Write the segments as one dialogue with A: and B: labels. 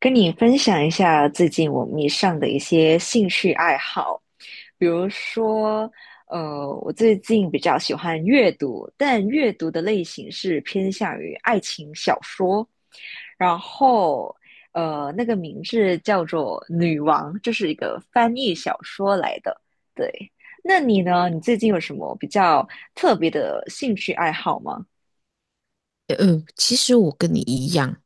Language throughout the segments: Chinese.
A: 跟你分享一下最近我迷上的一些兴趣爱好，比如说，我最近比较喜欢阅读，但阅读的类型是偏向于爱情小说，然后，那个名字叫做《女王》，这是一个翻译小说来的。对，那你呢？你最近有什么比较特别的兴趣爱好吗？
B: 其实我跟你一样，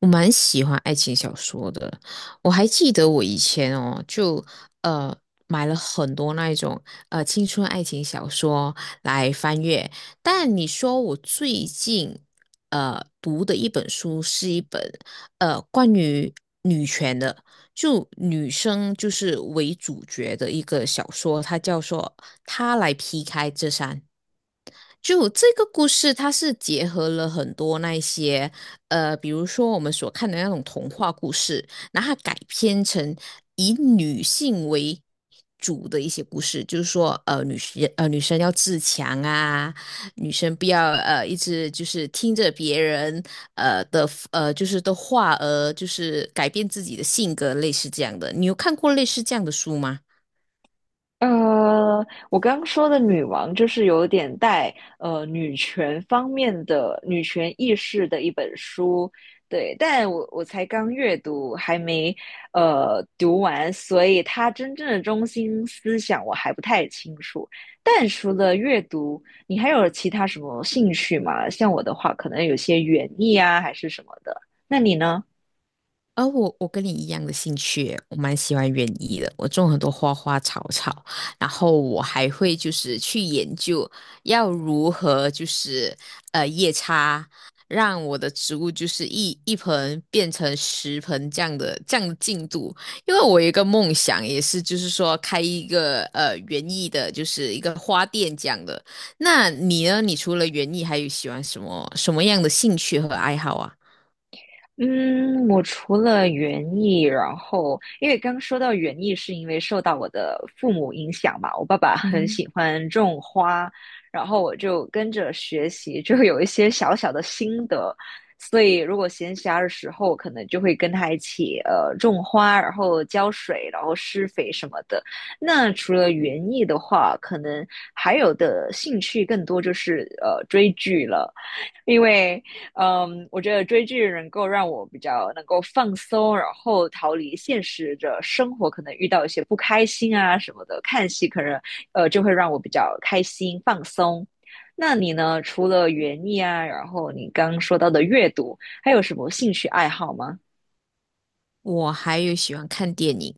B: 我蛮喜欢爱情小说的。我还记得我以前哦，就呃买了很多那一种青春爱情小说来翻阅。但你说我最近读的一本书是一本关于女权的。就女生就是为主角的一个小说，它叫做《她来劈开这山》。就这个故事，它是结合了很多那些，比如说我们所看的那种童话故事，然后它改编成以女性为主的一些故事，就是说，女生要自强啊，女生不要一直就是听着别人的就是的话就是改变自己的性格，类似这样的。你有看过类似这样的书吗？
A: 我刚刚说的女王就是有点带女权方面的女权意识的一本书，对，但我才刚阅读，还没读完，所以它真正的中心思想我还不太清楚。但除了阅读，你还有其他什么兴趣吗？像我的话，可能有些园艺啊，还是什么的。那你呢？
B: 而我跟你一样的兴趣耶我蛮喜欢园艺的。我种很多花花草草，然后我还会就是去研究要如何就是叶插，让我的植物就是一盆变成10盆这样的进度。因为我有一个梦想，也是就是说开一个园艺的，就是一个花店这样的。那你呢？你除了园艺，还有喜欢什么样的兴趣和爱好啊？
A: 嗯，我除了园艺，然后因为刚说到园艺，是因为受到我的父母影响嘛，我爸爸很
B: 嗯。
A: 喜欢种花，然后我就跟着学习，就有一些小小的心得，所以如果闲暇的时候，可能就会跟他一起种花，然后浇水，然后施肥什么的。那除了园艺的话，可能还有的兴趣更多就是追剧了。因为，嗯，我觉得追剧能够让我比较能够放松，然后逃离现实的生活，可能遇到一些不开心啊什么的，看戏可能就会让我比较开心放松。那你呢？除了园艺啊，然后你刚说到的阅读，还有什么兴趣爱好吗？
B: 我还有喜欢看电影，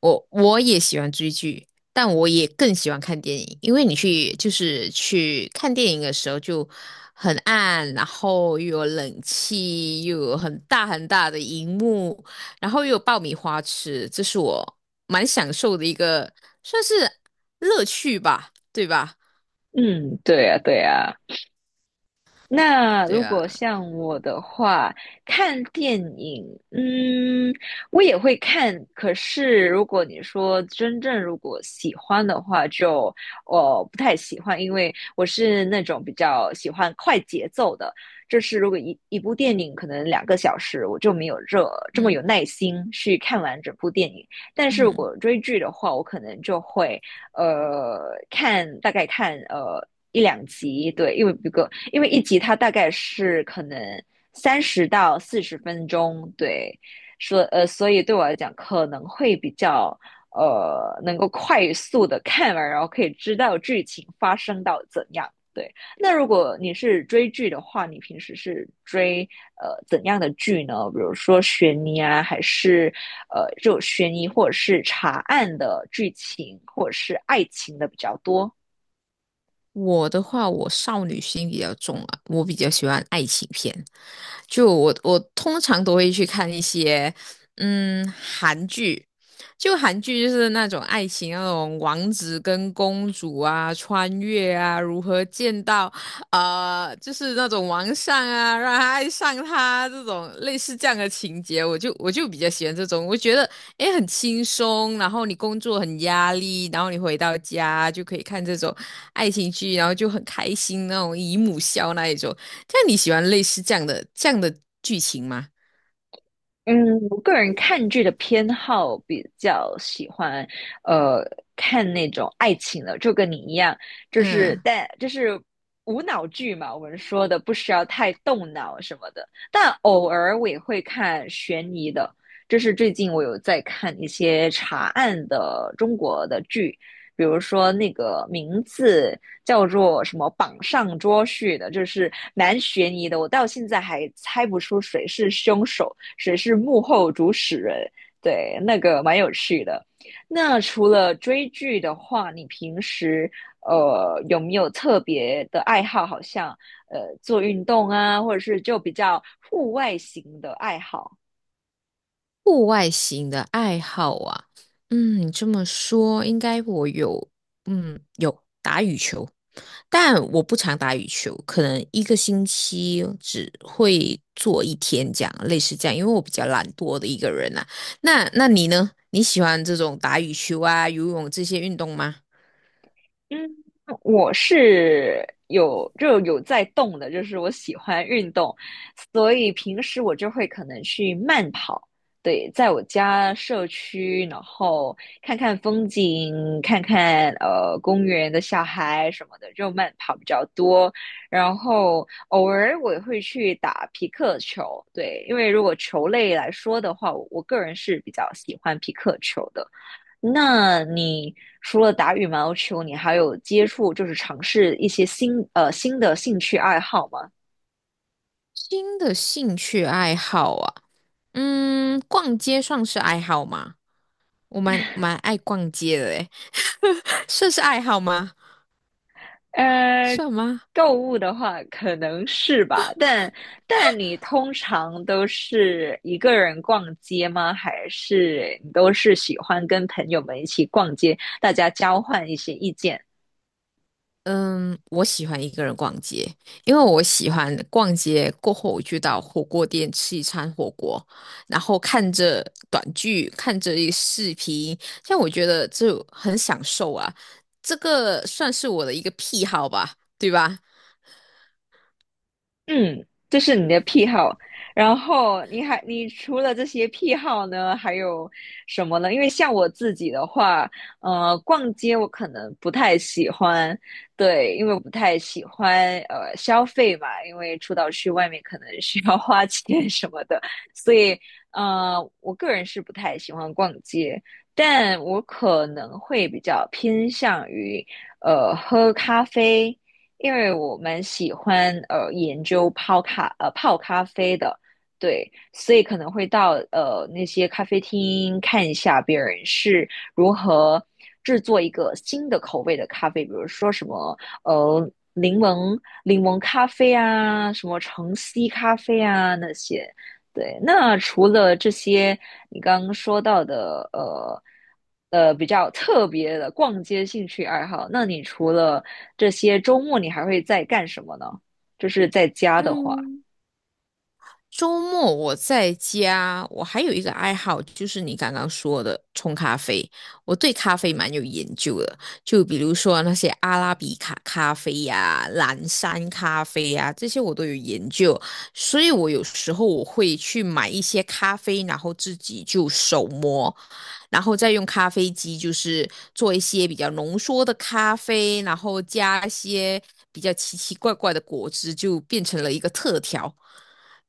B: 我也喜欢追剧，但我也更喜欢看电影，因为你去就是去看电影的时候就很暗，然后又有冷气，又有很大很大的荧幕，然后又有爆米花吃，这是我蛮享受的一个算是乐趣吧，对吧？
A: 嗯，对呀，对呀。那
B: 对
A: 如
B: 啊，
A: 果像我的话，看电影，嗯，我也会看。可是如果你说真正如果喜欢的话就，我不太喜欢，因为我是那种比较喜欢快节奏的。就是如果一部电影可能2个小时，我就没有这么
B: 嗯
A: 有耐心去看完整部电影。但是如
B: 嗯。
A: 果追剧的话，我可能就会。看大概看一两集，对，因为不够，因为一集它大概是可能30到40分钟，对，说，所以对我来讲可能会比较能够快速的看完，然后可以知道剧情发生到怎样，对。那如果你是追剧的话，你平时是追怎样的剧呢？比如说悬疑啊，还是就悬疑或者是查案的剧情，或者是爱情的比较多？
B: 我的话，我少女心比较重啊，我比较喜欢爱情片。就我通常都会去看一些韩剧，就韩剧就是那种爱情那种王子跟公主啊，穿越啊，如何见到就是那种王上啊，让他爱上他这种类似这样的情节，我就比较喜欢这种，我觉得诶很轻松，然后你工作很压力，然后你回到家就可以看这种。爱情剧，然后就很开心那种姨母笑那一种。但你喜欢类似这样的剧情吗？
A: 嗯，我个人看剧的偏好比较喜欢，呃，看那种爱情的，就跟你一样，就是
B: 嗯，
A: 但就是无脑剧嘛，我们说的不需要太动脑什么的。但偶尔我也会看悬疑的，就是最近我有在看一些查案的中国的剧，比如说那个名字叫做什么"榜上捉婿"的，就是蛮悬疑的，我到现在还猜不出谁是凶手。谁是幕后主使人，对，那个蛮有趣的。那除了追剧的话，你平时有没有特别的爱好？好像做运动啊，或者是就比较户外型的爱好？
B: 户外型的爱好啊，嗯，你这么说应该我有，嗯，有打羽球，但我不常打羽球，可能一个星期只会做一天这样，类似这样，因为我比较懒惰的一个人啊。那你呢？你喜欢这种打羽球啊、游泳这些运动吗？
A: 嗯，我是有就有在动的，就是我喜欢运动，所以平时我就会可能去慢跑，对，在我家社区，然后看看风景，看看公园的小孩什么的，就慢跑比较多。然后偶尔我也会去打皮克球，对，因为如果球类来说的话，我个人是比较喜欢皮克球的。那你除了打羽毛球，你还有接触就是尝试一些新新的兴趣爱好吗？
B: 新的兴趣爱好啊。嗯，逛街算是爱好吗？我蛮爱逛街的诶，算是爱好吗？
A: 呃，
B: 算吗？
A: 购物的话可能是吧，但但你通常都是一个人逛街吗？还是你都是喜欢跟朋友们一起逛街，大家交换一些意见？
B: 嗯，我喜欢一个人逛街，因为我喜欢逛街过后，我就到火锅店吃一餐火锅，然后看着短剧，看着一视频，像我觉得就很享受啊，这个算是我的一个癖好吧，对吧？
A: 嗯，这是你的癖好。然后你还，你除了这些癖好呢，还有什么呢？因为像我自己的话，逛街我可能不太喜欢，对，因为我不太喜欢消费嘛，因为出到去外面可能需要花钱 什么的，所以呃，我个人是不太喜欢逛街，但我可能会比较偏向于喝咖啡。因为我蛮喜欢研究泡咖啡的，对，所以可能会到那些咖啡厅看一下别人是如何制作一个新的口味的咖啡，比如说什么呃柠檬柠檬咖啡啊，什么橙 C 咖啡啊那些。对，那除了这些你刚刚说到的，比较特别的逛街兴趣爱好，那你除了这些周末，你还会在干什么呢？就是在家的话，
B: 嗯。周末我在家，我还有一个爱好，就是你刚刚说的冲咖啡。我对咖啡蛮有研究的，就比如说那些阿拉比卡咖啡呀、蓝山咖啡呀、这些我都有研究。所以我有时候我会去买一些咖啡，然后自己就手磨，然后再用咖啡机就是做一些比较浓缩的咖啡，然后加一些比较奇奇怪怪的果汁，就变成了一个特调。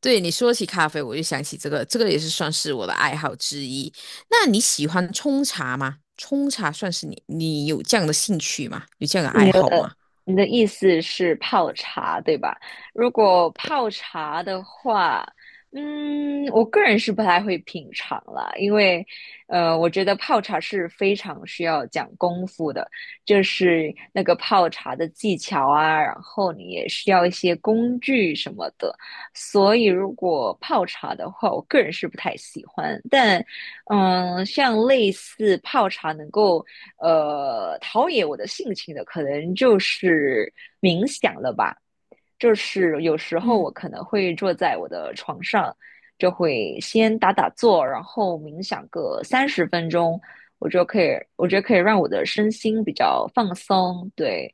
B: 对你说起咖啡，我就想起这个也是算是我的爱好之一。那你喜欢冲茶吗？冲茶算是你有这样的兴趣吗？有这样的爱好吗？
A: 你的意思是泡茶，对吧？如果泡茶的话，嗯，我个人是不太会品尝啦，因为，我觉得泡茶是非常需要讲功夫的，就是那个泡茶的技巧啊，然后你也需要一些工具什么的，所以如果泡茶的话，我个人是不太喜欢，但。嗯，像类似泡茶能够陶冶我的性情的，可能就是冥想了吧。就是有时候
B: 嗯。
A: 我可能会坐在我的床上，就会先打打坐，然后冥想个30分钟，我就可以，我觉得可以让我的身心比较放松。对，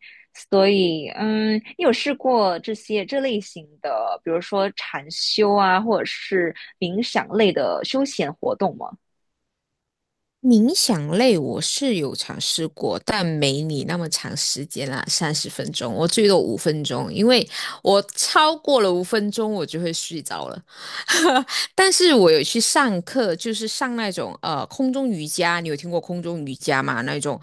A: 所以嗯，你有试过这些这类型的，比如说禅修啊，或者是冥想类的休闲活动吗？
B: 冥想类我是有尝试过，但没你那么长时间啦，30分钟，我最多五分钟，因为我超过了五分钟我就会睡着了。但是我有去上课，就是上那种空中瑜伽，你有听过空中瑜伽吗？那种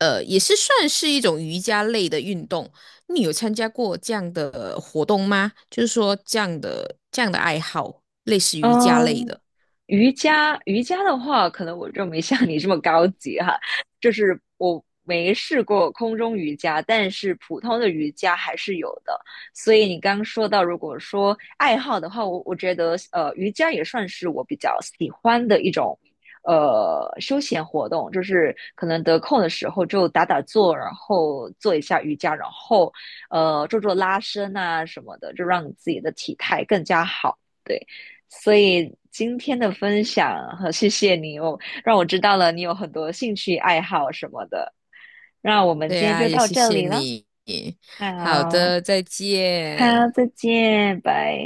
B: 也是算是一种瑜伽类的运动。你有参加过这样的活动吗？就是说这样的爱好，类似瑜伽类
A: 嗯，
B: 的。
A: 瑜伽，瑜伽的话，可能我就没像你这么高级哈，就是我没试过空中瑜伽，但是普通的瑜伽还是有的。所以你刚刚说到，如果说爱好的话，我觉得瑜伽也算是我比较喜欢的一种休闲活动，就是可能得空的时候就打打坐，然后做一下瑜伽，然后做做拉伸啊什么的，就让你自己的体态更加好。对。所以今天的分享和谢谢你哦，我让我知道了你有很多兴趣爱好什么的。那我们
B: 对
A: 今天
B: 啊，
A: 就
B: 也
A: 到
B: 谢
A: 这
B: 谢
A: 里了，
B: 你。好
A: 好，
B: 的，再
A: 好，
B: 见。
A: 再见，拜。